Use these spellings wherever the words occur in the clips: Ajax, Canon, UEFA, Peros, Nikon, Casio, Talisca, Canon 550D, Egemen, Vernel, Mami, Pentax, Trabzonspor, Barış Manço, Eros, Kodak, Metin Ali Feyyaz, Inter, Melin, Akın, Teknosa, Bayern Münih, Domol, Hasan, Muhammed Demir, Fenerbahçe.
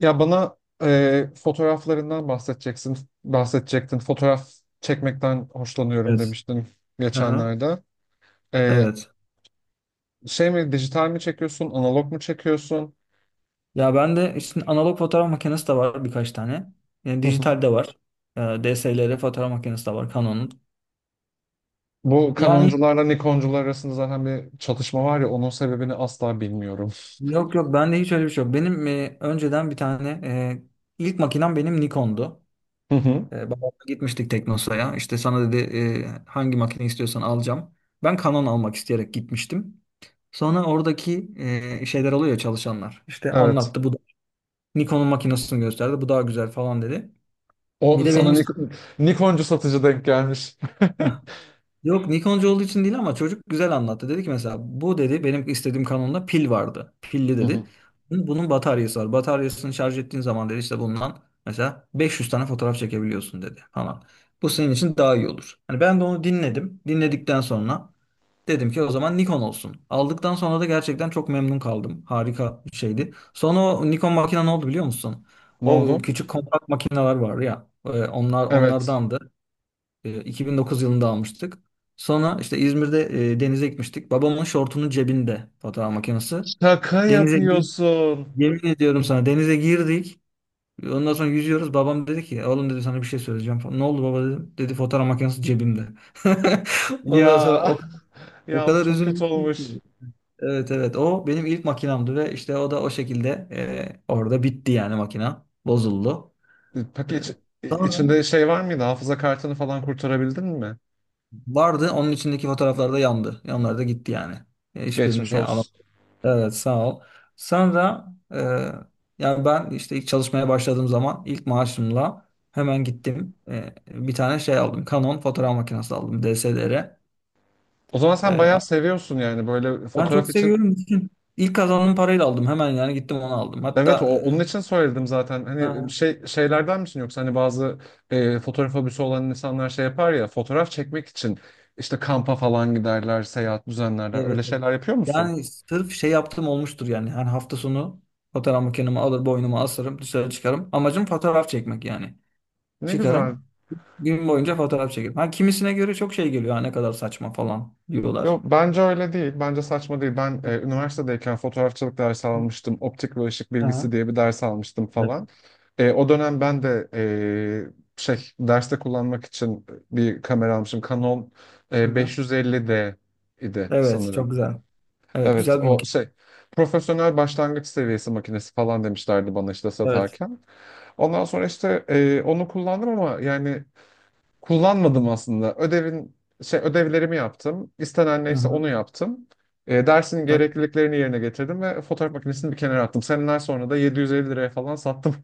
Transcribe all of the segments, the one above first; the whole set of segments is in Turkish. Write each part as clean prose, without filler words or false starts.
Ya bana fotoğraflarından bahsedecektin. Fotoğraf çekmekten hoşlanıyorum Evet. demiştin Aha, geçenlerde. E, evet. Şey mi, dijital mi çekiyorsun, analog mu çekiyorsun? Ya ben de işte analog fotoğraf makinesi de var birkaç tane. Yani Hı hı. dijital de var. DSLR fotoğraf makinesi de var Canon'un. Bu Yani Canoncularla Nikoncular arasında zaten bir çatışma var ya, onun sebebini asla bilmiyorum. yok yok bende hiç öyle bir şey yok. Benim önceden bir tane ilk makinem benim Nikon'du. Hı hı. Babamla gitmiştik Teknosa'ya. İşte sana dedi hangi makine istiyorsan alacağım. Ben Canon almak isteyerek gitmiştim. Sonra oradaki şeyler oluyor ya, çalışanlar. İşte Evet. anlattı bu da Nikon'un makinesini gösterdi. Bu daha güzel falan dedi. Bir O de benim sana istedim. Nikoncu satıcı denk gelmiş. Yok, Nikoncu olduğu için değil ama çocuk güzel anlattı. Dedi ki mesela bu dedi benim istediğim kanonda pil vardı. Pilli Hı hı. dedi. Bunun bataryası var. Bataryasını şarj ettiğin zaman dedi işte bundan mesela 500 tane fotoğraf çekebiliyorsun dedi falan. Bu senin için daha iyi olur. Hani ben de onu dinledim. Dinledikten sonra dedim ki o zaman Nikon olsun. Aldıktan sonra da gerçekten çok memnun kaldım. Harika bir şeydi. Sonra o Nikon makine ne oldu biliyor musun? Ne O oldu? küçük kompakt makineler var ya. Onlar Evet. onlardandı. 2009 yılında almıştık. Sonra işte İzmir'de denize gitmiştik. Babamın şortunun cebinde fotoğraf makinesi. Şaka Denize girip, yapıyorsun. yemin ediyorum sana denize girdik. Ondan sonra yüzüyoruz. Babam dedi ki oğlum dedi sana bir şey söyleyeceğim falan. Ne oldu baba dedim. Dedi fotoğraf makinesi cebimde. Ondan sonra Ya. o, o Ya of, kadar çok kötü üzülmüştüm olmuş. ki. Evet, evet, o benim ilk makinamdı ve işte o da o şekilde orada bitti yani makina. Bozuldu. Peki E, Sonra. içinde şey var mıydı? Hafıza kartını falan kurtarabildin mi? Vardı. Onun içindeki fotoğraflar da yandı. Yanlar da gitti yani. Geçmiş Hiçbirini alamadım. olsun. Evet, sağ ol. Sonra, e, yani ben işte ilk çalışmaya başladığım zaman ilk maaşımla hemen gittim. Bir tane şey aldım. Canon fotoğraf makinesi aldım. DSLR. O zaman sen E, bayağı seviyorsun yani, böyle Ben çok fotoğraf için. seviyorum. Bütün ilk kazandığım parayla aldım. Hemen yani gittim onu aldım. Evet, o, Hatta onun için söyledim zaten. Hani ha, şeylerden misin, yoksa hani bazı fotoğraf hobisi olan insanlar şey yapar ya, fotoğraf çekmek için işte kampa falan giderler, seyahat düzenlerler. Öyle evet. Evet. şeyler yapıyor musun? Yani sırf şey yaptım olmuştur yani. Her hafta sonu fotoğraf makinemi alır boynuma asarım dışarı çıkarım. Amacım fotoğraf çekmek yani. Ne güzel. Çıkarım. Gün boyunca fotoğraf çekerim. Ha, kimisine göre çok şey geliyor. Ha, ne kadar saçma falan Yo, diyorlar. bence öyle değil. Bence saçma değil. Ben üniversitedeyken fotoğrafçılık dersi almıştım. Optik ve ışık Aha, bilgisi diye bir ders almıştım evet. falan. O dönem ben de derste kullanmak için bir kamera almışım. Canon Hı-hı. 550D idi Evet, sanırım. çok güzel. Evet, Evet, güzel bir o makine. şey profesyonel başlangıç seviyesi makinesi falan demişlerdi bana, işte Evet. satarken. Ondan sonra işte onu kullandım ama yani, kullanmadım aslında. Ödevin şey Ödevlerimi yaptım. İstenen neyse Hı-hı. onu yaptım. Dersin Ha, gerekliliklerini yerine getirdim ve fotoğraf makinesini bir kenara attım. Seneler sonra da 750 liraya falan sattım.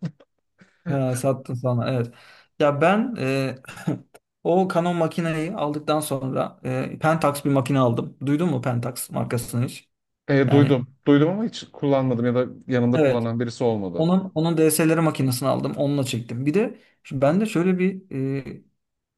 sattın sana. Evet. Ya ben o Canon makineyi aldıktan sonra Pentax bir makine aldım. Duydun mu Pentax markasını hiç? Yani Duydum. Duydum ama hiç kullanmadım, ya da yanımda evet. kullanan birisi olmadı. Onun DSLR makinesini aldım. Onunla çektim. Bir de bende şöyle bir e,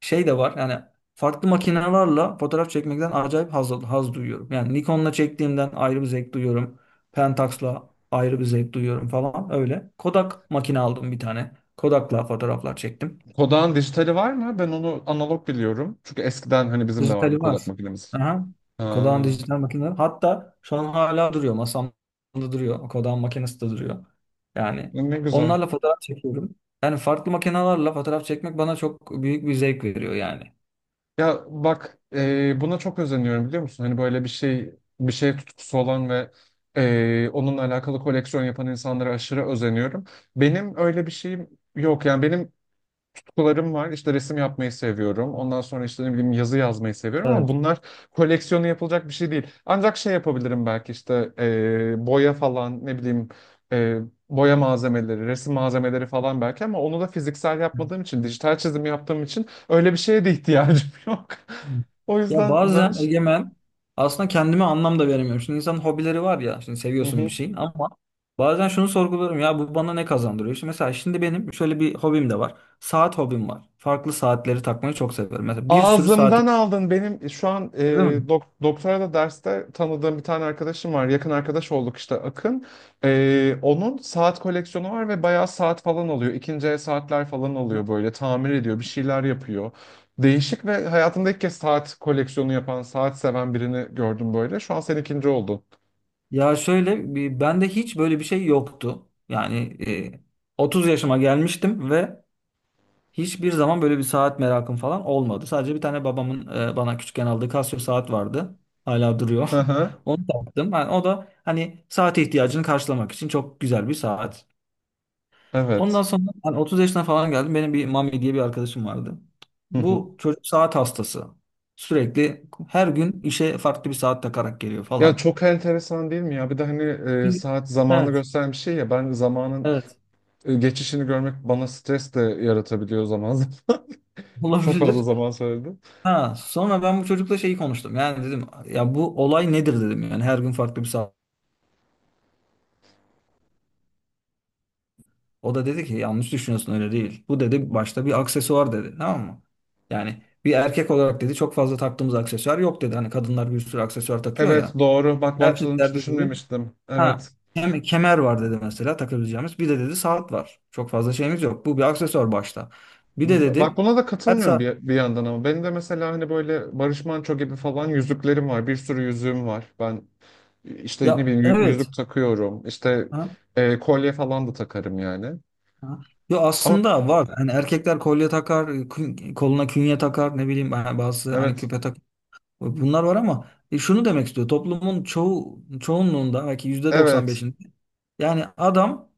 şey de var. Yani farklı makinelerle fotoğraf çekmekten acayip haz duyuyorum. Yani Nikon'la çektiğimden ayrı bir zevk duyuyorum. Pentax'la ayrı bir zevk duyuyorum falan öyle. Kodak makine aldım bir tane. Kodak'la fotoğraflar çektim. Kodak'ın dijitali var mı? Ben onu analog biliyorum. Çünkü eskiden hani bizim de vardı Dijitali var. Kodak makinemiz. Aha. Kodan Ha, dijital makineler. Hatta şu an hala duruyor. Masamda duruyor. Kodan makinesi de duruyor. Yani ne güzel. onlarla fotoğraf çekiyorum. Yani farklı makinelerle fotoğraf çekmek bana çok büyük bir zevk veriyor yani. Ya bak, buna çok özeniyorum biliyor musun? Hani böyle bir şey tutkusu olan ve onunla alakalı koleksiyon yapan insanlara aşırı özeniyorum. Benim öyle bir şeyim yok. Yani benim kutularım var. İşte resim yapmayı seviyorum. Ondan sonra işte ne bileyim, yazı yazmayı seviyorum, ama Evet. bunlar koleksiyonu yapılacak bir şey değil. Ancak şey yapabilirim belki, işte boya falan, ne bileyim e, boya malzemeleri, resim malzemeleri falan belki, ama onu da fiziksel yapmadığım için, dijital çizim yaptığım için öyle bir şeye de ihtiyacım yok. O Ya yüzden. Bazen Egemen aslında kendime anlam da veremiyorum. Şimdi insanın hobileri var ya. Şimdi Hı seviyorsun hı. bir şeyin ama bazen şunu sorguluyorum. Ya bu bana ne kazandırıyor? Şimdi mesela şimdi benim şöyle bir hobim de var. Saat hobim var. Farklı saatleri takmayı çok seviyorum. Mesela bir sürü saat. Ağzımdan aldın. Benim şu an Öyle mi? Doktora da derste tanıdığım bir tane arkadaşım var. Yakın arkadaş olduk işte, Akın. Onun saat koleksiyonu var ve bayağı saat falan alıyor. İkinci el saatler falan alıyor böyle. Tamir ediyor, bir şeyler yapıyor. Değişik, ve hayatımda ilk kez saat koleksiyonu yapan, saat seven birini gördüm böyle. Şu an sen ikinci oldun. Ya bende hiç böyle bir şey yoktu. Yani e, 30 yaşıma gelmiştim ve hiçbir zaman böyle bir saat merakım falan olmadı. Sadece bir tane babamın bana küçükken aldığı Casio saat vardı. Hala duruyor. Hı hı. Onu taktım. Yani o da hani saate ihtiyacını karşılamak için çok güzel bir saat. Ondan Evet. sonra hani 30 yaşına falan geldim. Benim bir Mami diye bir arkadaşım vardı. Hı hı. Bu çocuk saat hastası. Sürekli her gün işe farklı bir saat takarak geliyor Ya falan. çok enteresan değil mi ya? Bir de hani saat zamanı Evet. gösteren bir şey ya. Ben zamanın Evet. Geçişini görmek bana stres de yaratabiliyor zaman zaman. Çok fazla Olabilir. zaman söyledim. Ha, sonra ben bu çocukla şeyi konuştum. Yani dedim ya bu olay nedir dedim. Yani her gün farklı bir saat. O da dedi ki yanlış düşünüyorsun öyle değil. Bu dedi başta bir aksesuar dedi. Tamam mı? Yani bir erkek olarak dedi çok fazla taktığımız aksesuar yok dedi. Hani kadınlar bir sürü aksesuar takıyor Evet, ya. doğru. Bak, bu açıdan hiç Erkeklerde dedi düşünmemiştim. ha, Evet. Kemer var dedi mesela takabileceğimiz. Bir de dedi saat var. Çok fazla şeyimiz yok. Bu bir aksesuar başta. Bir de Bak, dedi buna da her katılmıyorum saat, bir yandan ama. Benim de mesela hani böyle Barış Manço gibi falan yüzüklerim var. Bir sürü yüzüğüm var. Ben işte ne ya bileyim yüzük evet. takıyorum. İşte kolye falan da takarım yani. Ha. Yo, Ama aslında var. Hani erkekler kolye takar, koluna künye takar, ne bileyim ha, bazısı hani evet. küpe takar. Bunlar var ama şunu demek istiyor. Toplumun çoğunluğunda belki Evet. %95'inde yani adam,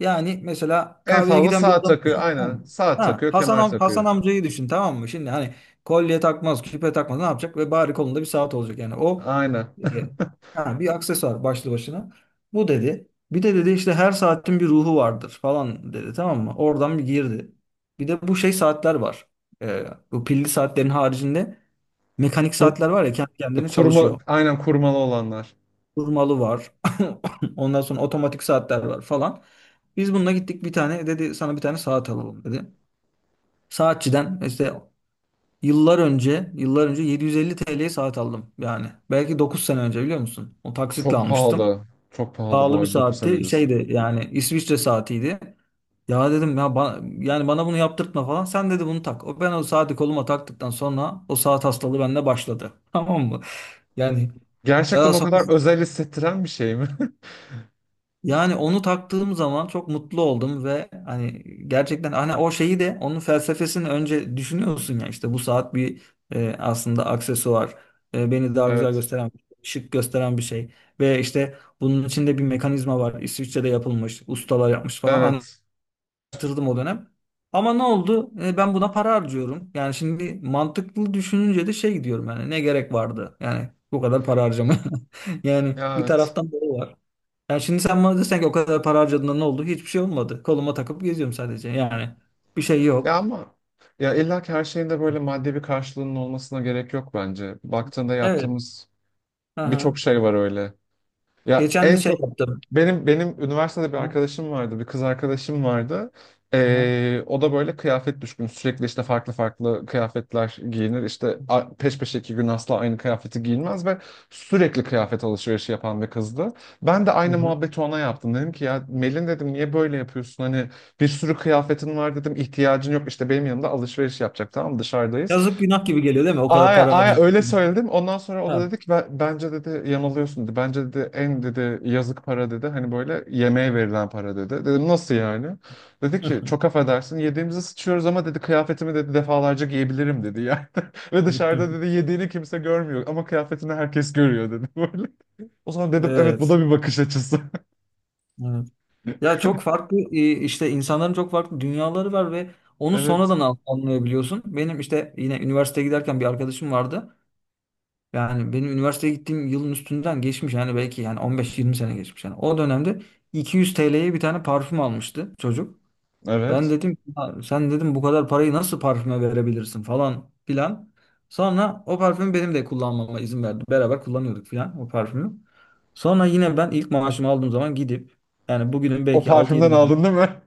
yani mesela En kahveye fazla giden bir saat adam takıyor. düşün tamam Aynen. mı? Saat Ha, takıyor, kemer Hasan takıyor. amcayı düşün tamam mı? Şimdi hani kolye takmaz, küpe takmaz ne yapacak ve bari kolunda bir saat olacak yani. O Aynen. e, ha, bir aksesuar başlı başına. Bu dedi. Bir de dedi işte her saatin bir ruhu vardır falan dedi tamam mı? Oradan bir girdi. Bir de bu şey saatler var. E, Bu pilli saatlerin haricinde mekanik Kur- saatler var ya kendi kendine Kurma, çalışıyor. aynen, kurmalı olanlar. Durmalı var. Ondan sonra otomatik saatler var falan. Biz bununla gittik bir tane dedi sana bir tane saat alalım dedi. Saatçiden işte yıllar önce yıllar önce 750 TL'ye saat aldım yani. Belki 9 sene önce biliyor musun? O taksitle Çok almıştım. pahalı. Çok pahalı bu Pahalı bir arada, 9 sene saatti. öncesi. Şeydi yani İsviçre saatiydi. Ya dedim ya yani bana bunu yaptırtma falan. Sen dedi bunu tak. O ben o saati koluma taktıktan sonra o saat hastalığı bende başladı. Tamam mı? Yani Gerçekten daha o sonra, kadar özel hissettiren bir şey mi? yani onu taktığım zaman çok mutlu oldum ve hani gerçekten hani o şeyi de onun felsefesini önce düşünüyorsun ya işte bu saat bir aslında aksesuar. Beni daha güzel Evet. gösteren, şık gösteren bir şey ve işte bunun içinde bir mekanizma var, İsviçre'de yapılmış, ustalar yapmış falan, Evet. araştırdım o dönem. Ama ne oldu, ben buna para harcıyorum yani, şimdi mantıklı düşününce de şey diyorum yani ne gerek vardı yani bu kadar para harcama. Yani Ya, bir evet. taraftan doğru var. Yani şimdi sen bana desen ki o kadar para harcadığında ne oldu? Hiçbir şey olmadı. Koluma takıp geziyorum sadece. Yani bir şey Ya yok. ama, ya illa ki her şeyin de böyle maddi bir karşılığının olmasına gerek yok bence. Baktığında Evet. yaptığımız Aha. birçok şey var öyle. Ya Geçen de en şey çok yaptım. benim üniversitede bir Aha. arkadaşım vardı, bir kız arkadaşım vardı. Aha. O da böyle kıyafet düşkünü. Sürekli işte farklı farklı kıyafetler giyinir. İşte peş peşe 2 gün asla aynı kıyafeti giyinmez ve sürekli kıyafet alışverişi yapan bir kızdı. Ben de Hı aynı hı. muhabbeti ona yaptım. Dedim ki, ya Melin, dedim, niye böyle yapıyorsun? Hani bir sürü kıyafetin var dedim, ihtiyacın yok. İşte benim yanımda alışveriş yapacak, tamam mı? Dışarıdayız. Yazık, günah gibi geliyor değil mi? O kadar Aya, para aya harcıyorsun. öyle söyledim. Ondan sonra o da Ha. dedi ki, Bence, dedi, yanılıyorsun" dedi. Bence, dedi, en, dedi, yazık para, dedi. Hani böyle yemeğe verilen para, dedi. Dedim, nasıl yani? Dedi ki, çok affedersin yediğimizi sıçıyoruz ama, dedi, kıyafetimi, dedi, defalarca giyebilirim, dedi yani. Ve dışarıda, dedi, yediğini kimse görmüyor ama kıyafetini herkes görüyor, dedi, böyle. O zaman dedim, evet, bu Evet. da bir bakış açısı. Evet. Ya çok farklı işte insanların çok farklı dünyaları var ve onu Evet. sonradan anlayabiliyorsun. Benim işte yine üniversiteye giderken bir arkadaşım vardı. Yani benim üniversiteye gittiğim yılın üstünden geçmiş yani belki yani 15-20 sene geçmiş yani. O dönemde 200 TL'ye bir tane parfüm almıştı çocuk. Ben Evet. dedim "Ya sen, dedim, bu kadar parayı nasıl parfüme verebilirsin falan filan." Sonra o parfümü benim de kullanmama izin verdi. Beraber kullanıyorduk filan o parfümü. Sonra yine ben ilk maaşımı aldığım zaman gidip yani bugünün O belki parfümden aldın değil mi?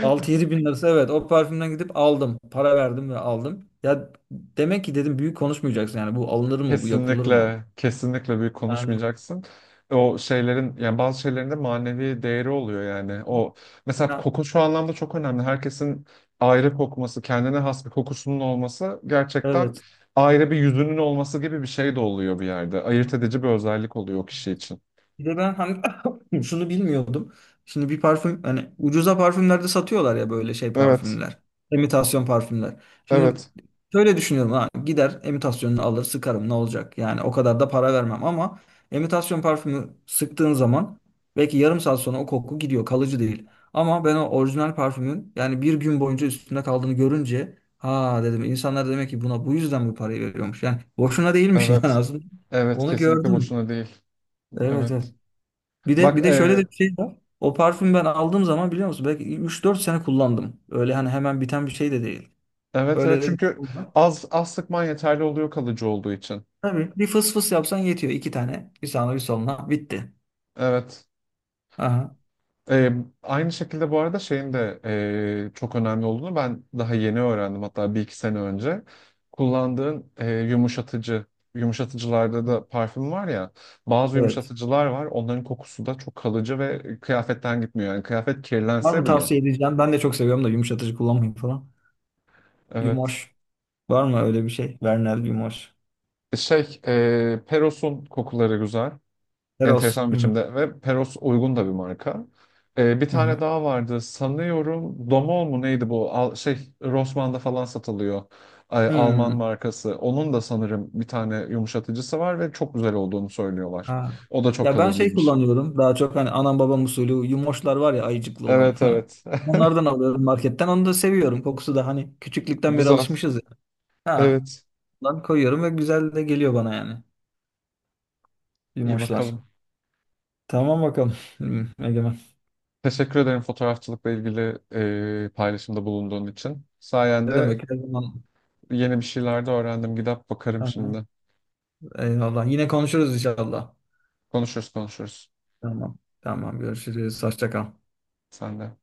6-7 bin lirası, evet, o parfümden gidip aldım. Para verdim ve aldım. Ya demek ki dedim büyük konuşmayacaksın yani, bu alınır mı, bu yapılır mı? Kesinlikle, kesinlikle büyük Yani. konuşmayacaksın. O şeylerin, yani bazı şeylerin de manevi değeri oluyor yani. O mesela, Ha, koku şu anlamda çok önemli. Herkesin ayrı kokması, kendine has bir kokusunun olması, gerçekten evet. ayrı bir yüzünün olması gibi bir şey de oluyor bir yerde. Ayırt Aha. edici bir özellik oluyor o kişi için. Bir de ben hani şunu bilmiyordum. Şimdi bir parfüm hani ucuza parfümlerde satıyorlar ya, böyle şey Evet, parfümler. İmitasyon parfümler. Şimdi evet, şöyle düşünüyorum, ha gider imitasyonunu alır sıkarım, ne olacak? Yani o kadar da para vermem ama imitasyon parfümü sıktığın zaman belki yarım saat sonra o koku gidiyor, kalıcı değil. Ama ben o orijinal parfümün yani bir gün boyunca üstünde kaldığını görünce ha dedim insanlar demek ki buna bu yüzden bu parayı veriyormuş. Yani boşuna değilmiş yani evet, aslında. evet. Onu Kesinlikle gördüm. boşuna değil. Evet, Evet. evet. Bir de Bak, bir de şöyle de bir şey var. O parfüm ben aldığım zaman biliyor musun belki 3-4 sene kullandım. Öyle hani hemen biten bir şey de değil. evet, Öyle evet. de bir Çünkü şey var. az az sıkman yeterli oluyor, kalıcı olduğu için. Tabii bir fıs fıs yapsan yetiyor. İki tane. Bir sağına bir soluna. Bitti. Evet. Aha. Ee, Aynı şekilde bu arada, şeyin de çok önemli olduğunu ben daha yeni öğrendim. Hatta bir iki sene önce. Kullandığın yumuşatıcılarda da parfüm var ya. Bazı Evet. yumuşatıcılar var. Onların kokusu da çok kalıcı ve kıyafetten gitmiyor. Yani kıyafet Var mı kirlense bile. tavsiye edeceğim? Ben de çok seviyorum da yumuşatıcı kullanmayın falan. Evet. Yumoş. Var mı öyle bir şey? Vernel Yumoş. Peros'un kokuları güzel. Eros. Enteresan bir Hı hı. biçimde, ve Peros uygun da bir marka. Bir Hı hı. tane daha vardı sanıyorum, Domol mu neydi bu, Rossmann'da falan satılıyor. Ay, Alman Hmm. markası. Onun da sanırım bir tane yumuşatıcısı var ve çok güzel olduğunu söylüyorlar. Ha. O da çok Ya ben şey kalıcıymış. kullanıyorum. Daha çok hani anam babam usulü yumoşlar var ya, ayıcıklı olan. Evet, Ha. evet. Onlardan alıyorum marketten. Onu da seviyorum. Kokusu da hani küçüklükten beri Güzel. alışmışız ya. Ha. Evet. Lan koyuyorum ve güzel de geliyor bana yani. İyi Yumoşlar. bakalım. Tamam bakalım. Hmm, Egemen. Teşekkür ederim fotoğrafçılıkla ilgili paylaşımda bulunduğun için. Ne Sayende demek? Her zaman. yeni bir şeyler de öğrendim. Gidip bakarım Ha, şimdi. eyvallah. Yine konuşuruz inşallah. Konuşuruz, konuşuruz. Tamam. Tamam görüşürüz. Hoşça kal. Sen de.